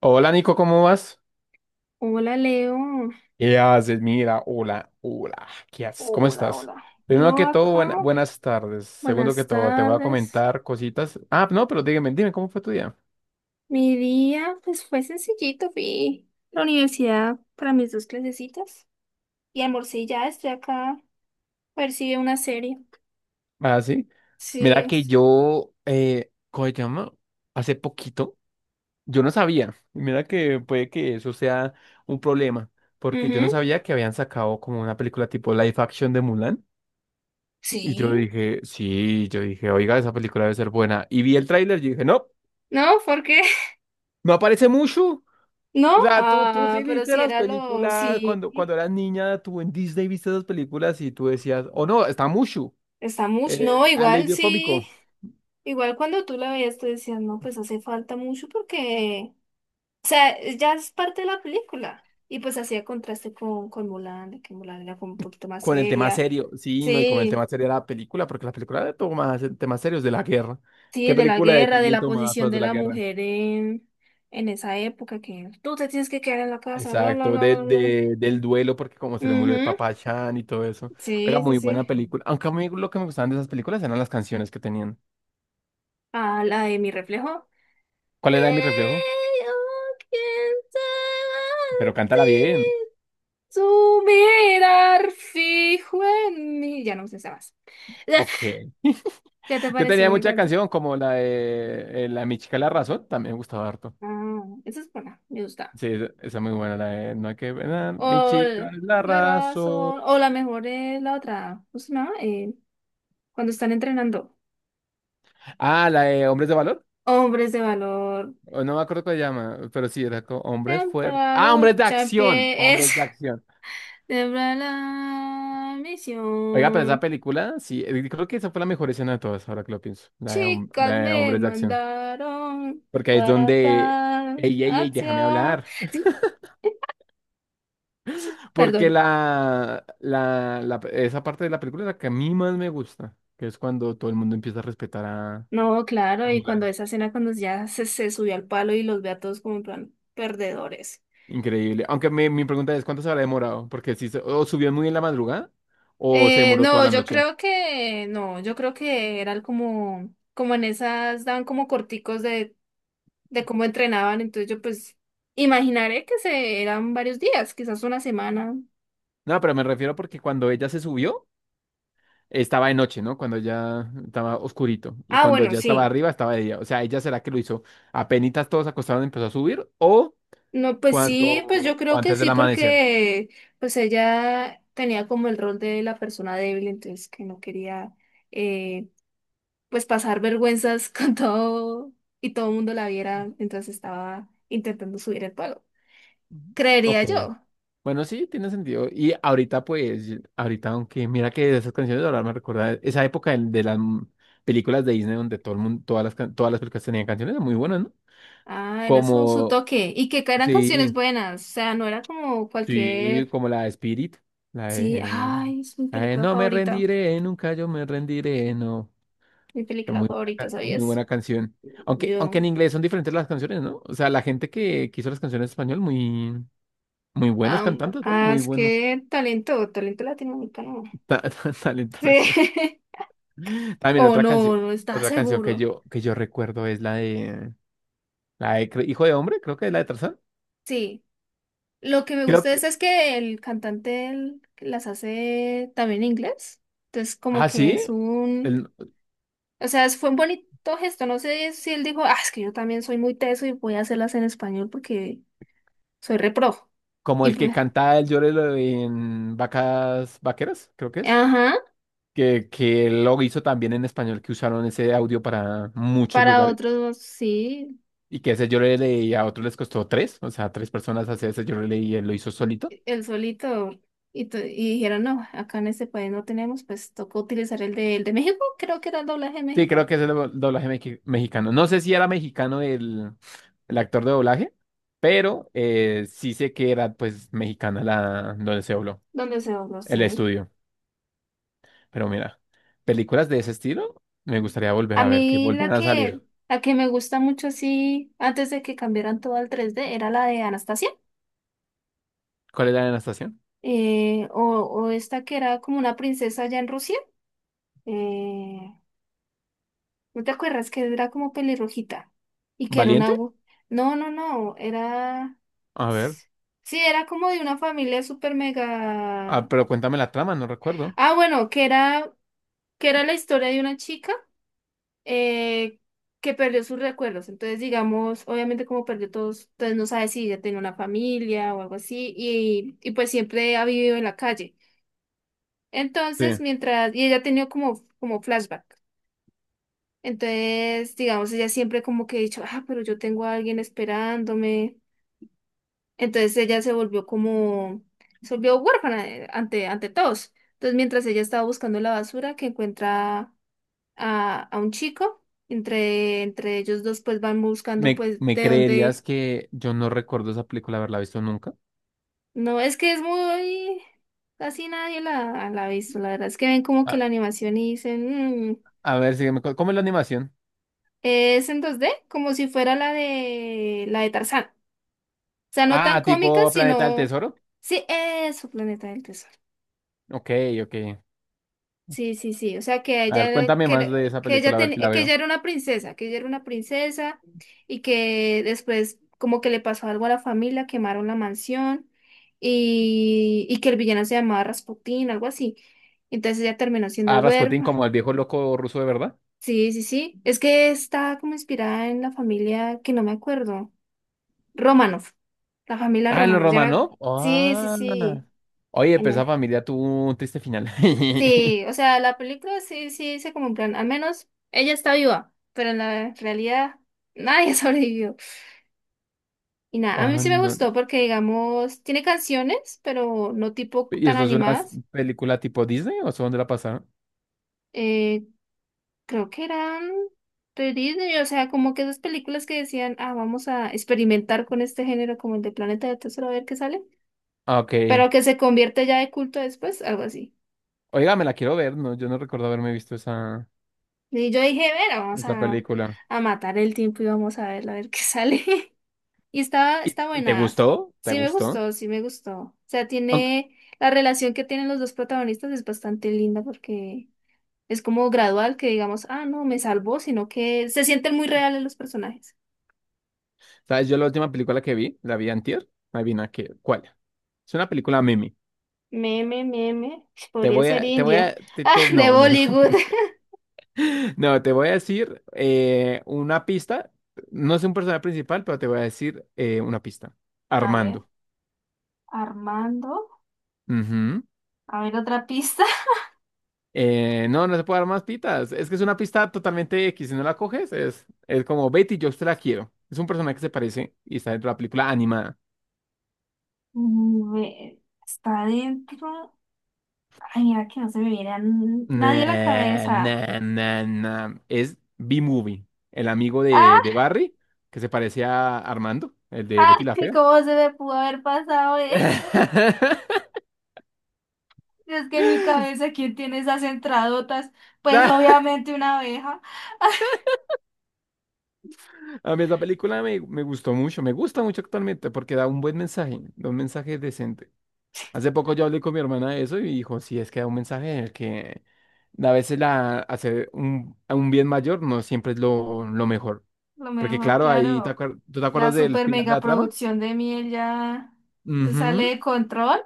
Hola Nico, ¿cómo vas? Hola Leo, ¿Qué haces? Mira, hola, hola, ¿qué haces? ¿Cómo hola, estás? hola. Primero Yo que todo, acá, buenas tardes. Segundo que buenas todo, te voy a tardes. comentar cositas. Ah, no, pero dígame, dime, ¿cómo fue tu día? Mi día pues fue sencillito, fui a la universidad para mis dos clasecitas y almorcé y ya, estoy acá, a ver si veo una serie. Ah, sí. Sí, Mira que s- yo, ¿cómo se llama? Hace poquito, yo no sabía. Y mira que puede que eso sea un problema, porque yo no ujú, sabía que habían sacado como una película tipo live action de Mulan. Y yo Sí. dije, sí, yo dije, oiga, esa película debe ser buena. Y vi el tráiler y dije, no, No, ¿por qué? no aparece mucho. No, O sea, tú ah, sí pero viste si las era lo, películas cuando sí, eras niña, tú en Disney viste esas películas y tú decías, oh no, está Mushu, está mucho, es no, igual alivio sí, cómico, igual cuando tú la veías tú decías, no, pues hace falta mucho porque... O sea, ya es parte de la película. Y pues hacía contraste con Mulan, de que Mulan era como un poquito más con el tema seria. serio, sí, no, y con el tema Sí, serio de la película, porque la película toma temas serios de la guerra. sí, ¿Qué de la película de guerra, de Disney la tomaba posición cosas de de la la guerra? mujer en esa época, que tú te tienes que quedar en la casa, bla, bla, Exacto, bla, de, bla, bla. de- del duelo, porque como se le murió el Ujú, papá a Chan y todo eso. Oiga, sí, sí, muy buena sí. película. Aunque a mí lo que me gustaban de esas películas eran las canciones que tenían. Ah, la de mi reflejo. ¿Cuál Hey, era mi reflejo? oh, ¿quién te Pero cántala bien. ti? Tu mirar fijo en mí. Ya no sé más. Ok. ¿Qué te Yo pareció? tenía Me mucha encantó. canción como la de La de Mi Chica La Razón, también me gustaba harto. Ah, esa es buena, me gusta. Sí, esa es muy buena, la de No hay que ver a Mi Chica La La Razón. razón, o la mejor es la otra, ¿cómo se llama? Cuando están entrenando. Ah, la de Hombres de Valor, Hombres de valor, o no me acuerdo cómo se llama, pero sí, era como Hombres siempre Fuertes. la Ah, Hombres de lucha en Acción, pie, es Hombres de Acción. siempre la Oiga, pero esa misión. película, sí, creo que esa fue la mejor escena de todas, ahora que lo pienso, la de, Chicas la de me Hombres de Acción. mandaron Porque ahí es para donde, tal ey, ey, ey, déjame acción. hablar. Sí, Porque perdón. Esa parte de la película es la que a mí más me gusta, que es cuando todo el mundo empieza a respetar No, a claro, y cuando Mulan. esa escena, cuando ya se subió al palo y los ve a todos como en plan perdedores. Increíble. Aunque mi pregunta es, ¿cuánto se habrá demorado? Porque si se- o subió muy en la madrugada o se demoró toda No, la yo noche. creo que no, yo creo que eran como, como en esas, daban como corticos de cómo entrenaban, entonces yo pues imaginaré que se eran varios días, quizás una semana. No, pero me refiero porque cuando ella se subió, estaba de noche, ¿no? Cuando ya estaba oscurito. Y Ah, cuando bueno, ya estaba sí. arriba, estaba de día. O sea, ¿ella será que lo hizo apenitas todos acostados empezó a subir o No, pues cuando sí, pues yo o creo que antes del sí, amanecer? porque pues ella tenía como el rol de la persona débil, entonces que no quería eh, pues pasar vergüenzas con todo y todo el mundo la viera mientras estaba intentando subir el pago. Ujú. Creería Ok. yo. Bueno, sí, tiene sentido. Y ahorita, pues, ahorita, aunque mira que esas canciones de ahora me recuerda esa época de, películas de Disney donde todo el mundo, todas las películas tenían canciones muy buenas, ¿no? Ah, era su Como, toque. Y que eran canciones sí, buenas. O sea, no era como sí, cualquier. como la de Spirit, la Sí, de, ay, es mi la de película No me favorita. rendiré, nunca yo me rendiré, no. Mi Está película muy buena, favorita, muy ¿sabías? buena canción. Aunque Yo. en inglés son diferentes las canciones, ¿no? O sea, la gente que hizo las canciones en español, muy, muy buenos cantantes, ¿no? Muy Es buenos. que talento, talento latinoamericano. Talento Nación. Sí. También O no, no estaba otra canción seguro. Que yo recuerdo es la de Hijo de Hombre, creo que es la de Tarzán. Sí. Lo que me Creo gusta de que, esa es que el cantante él las hace también en inglés. Entonces, como ah, que sí, es un. el- O sea, fue un bonito gesto. No sé si él dijo, ah, es que yo también soy muy teso y voy a hacerlas en español porque soy repro. como Y el que pues, canta el llorelo en Vacas Vaqueras, creo que es, ajá, que lo hizo también en español, que usaron ese audio para muchos para lugares, otros sí, y que ese llorelo y a otros les costó tres, o sea, tres personas hacer ese llorelo y él lo hizo solito. el solito. Y, y dijeron, no, acá en este país no tenemos, pues tocó utilizar el de México, creo que era el doblaje de Sí, creo México, que es el doblaje mexicano. No sé si era mexicano el actor de doblaje, pero sí sé que era pues mexicana la donde se dobló, donde se dobló, el sí. estudio. Pero mira, películas de ese estilo me gustaría volver A a ver, que mí volvieran a salir. la que me gusta mucho, sí, antes de que cambiaran todo al 3D, era la de Anastasia, ¿Cuál era la estación? O esta que era como una princesa allá en Rusia. Eh, ¿No te acuerdas que era como pelirrojita? Y que era una... ¿Valiente? No, no, no, era... A ver. Sí, era como de una familia súper Ah, mega... pero cuéntame la trama, no recuerdo. Ah, bueno, que era la historia de una chica eh, que perdió sus recuerdos. Entonces, digamos, obviamente como perdió todos, entonces no sabe si ella tenía una familia o algo así y pues siempre ha vivido en la calle. Sí. Entonces, mientras... Y ella ha tenido como, como flashback. Entonces, digamos, ella siempre como que ha dicho, ah, pero yo tengo a alguien esperándome. Entonces ella se volvió como, Se volvió huérfana ante, ante todos. Entonces, mientras ella estaba buscando la basura, que encuentra a un chico, entre ellos dos pues van buscando ¿Me, pues me de creerías dónde, que yo no recuerdo esa película haberla visto nunca? no, es que es muy, casi nadie la ha visto, la verdad, es que ven como que A, la animación y dicen, "Mm". a ver, sígueme. ¿Cómo es la animación? Es en 2D, como si fuera la de Tarzán. Sea, no tan Ah, cómica, tipo Planeta del sino... Tesoro. Sí, eso, Planeta del Tesoro. Ok, ok. Sí, sí, sí. O sea, A ver, cuéntame más de esa película, a ver si la que ella veo. era una princesa, y que después como que le pasó algo a la familia, quemaron la mansión y que el villano se llamaba Rasputín, algo así. Entonces ella terminó siendo Ah, Rasputin huérfana. como el viejo loco ruso de verdad. Sí, sí, sí. Es que está como inspirada en la familia que no me acuerdo. Romanov. La familia Ah, en los Romanov. Romanov. Sí, sí, Ah. sí. Oye, En- pero esa e familia tuvo un triste final. Sí, o sea, la película sí, sí dice como en plan, al menos ella está viva, pero en la realidad nadie sobrevivió. Y nada, a mí Ah, sí me no. gustó porque, digamos, tiene canciones, pero no tipo ¿Y tan eso es una animadas. película tipo Disney o eso dónde la pasaron? Eh, Creo que eran de Disney, o sea, como que esas películas que decían, ah, vamos a experimentar con este género como el de Planeta de Tesoro a ver qué sale, Ah, ok. pero que se convierte ya de culto después, algo así. Oiga, me la quiero ver, no, yo no recuerdo haberme visto esa, Y yo dije, bueno, vamos esa película. a matar el tiempo y vamos a ver qué sale. Y está, está Y te buena. gustó? ¿Te Sí me gustó? gustó, sí me gustó. O sea, Aunque- tiene la relación que tienen los dos protagonistas es bastante linda porque es como gradual que digamos, ah, no, me salvó, sino que se sienten muy reales los personajes. ¿Sabes? Yo la última película que vi, la vi antier. Adivina qué, ¿cuál? Es una película meme. Meme, meme, Te podría voy ser a, te voy India. a, te- Ah, te- de no, no, no. Bollywood. No, te voy a decir una pista. No es un personaje principal, pero te voy a decir una pista. A ver, Armando. Armando. Ujú. A ver, otra pista. No, no se puede dar más pistas. Es que es una pista totalmente X. Si no la coges, es como Betty, yo te la quiero. Es un personaje que se parece y está dentro de la película animada. Mm, ve- Está adentro. Ay, mira que no se me viene a nadie a la Nah, cabeza. nah, nah, nah. Es B-Movie, el amigo de Ah, Barry, que se parece a Armando, el de ay, Betty la Fea. ¿cómo se me pudo haber pasado eso? Es que en mi cabeza, ¿quién tiene esas entradotas? Pues obviamente una abeja. A mí esa película me gustó mucho, me gusta mucho actualmente porque da un buen mensaje, da un mensaje decente. Hace poco yo hablé con mi hermana de eso y dijo, sí, es que da un mensaje en el que a veces la, hacer un, a un bien mayor no siempre es lo mejor. Lo Porque mejor, claro, claro, ¿tú te la acuerdas del super final de mega la trama? producción de miel ya se sale Ujú. de control.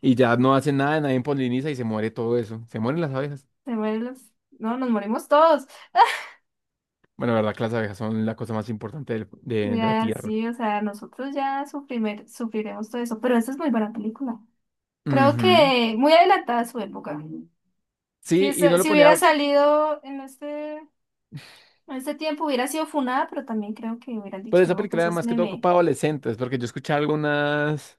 Y ya no hacen nada, nadie poliniza y se muere todo eso. Se mueren las abejas. Se mueren los- No, nos morimos todos. Bueno, la verdad que las abejas son la cosa más importante de la Ya, tierra. sí, o sea, nosotros ya sufriremos todo eso. Pero esa es muy buena película. Creo Ujú. que muy adelantada a su época. Si, Sí, y uno lo si hubiera ponía. salido en este tiempo, hubiera sido funada, pero también creo que hubieran Pero dicho, esa no, película pues era es más que todo meme. para adolescentes, porque yo escuché algunas,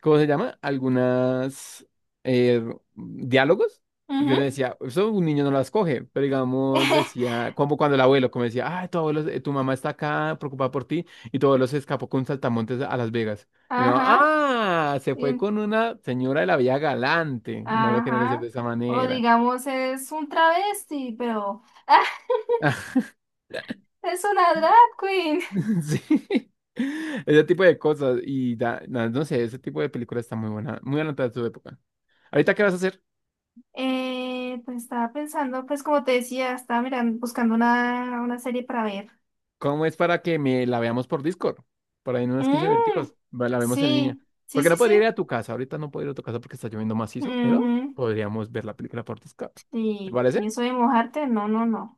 ¿cómo se llama? Algunas eh, diálogos, y uno Ujú. decía, eso un niño no las coge, pero digamos, decía, como cuando el abuelo, como decía, ah, tu abuelo, tu mamá está acá preocupada por ti, y tu abuelo se escapó con un saltamontes a Las Vegas. Y uno, Ajá. ah, se fue Bien, con una señora de la vía galante, no lo quieren decir ajá. de esa O manera. digamos, es un travesti, pero ¡ah! Es una drag queen. Sí. Ese tipo de cosas. Y no sé, ese tipo de película está muy buena, muy adelantada a su época. Ahorita, ¿qué vas a hacer? Pues estaba pensando, pues como te decía, estaba mirando, buscando una serie para ver. ¿Cómo es para que me la veamos por Discord? Por ahí en unos 15 Mm, minuticos. Va, la vemos en línea. sí, sí, Porque sí, no sí. podría ir a tu casa. Ahorita no puedo ir a tu casa porque está lloviendo macizo, pero Ujú. podríamos ver la película por Discord. ¿Te Y parece? eso de mojarte, no, no, no.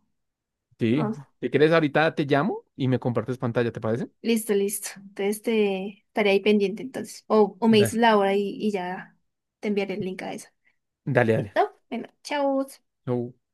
Sí. No. Si quieres, ahorita te llamo y me compartes pantalla, ¿te parece? Listo, listo. Entonces te estaré ahí pendiente entonces. O me dices Da- la hora y ya te enviaré el link a esa. Dale, dale. ¿Listo? Bueno, chao. Chau.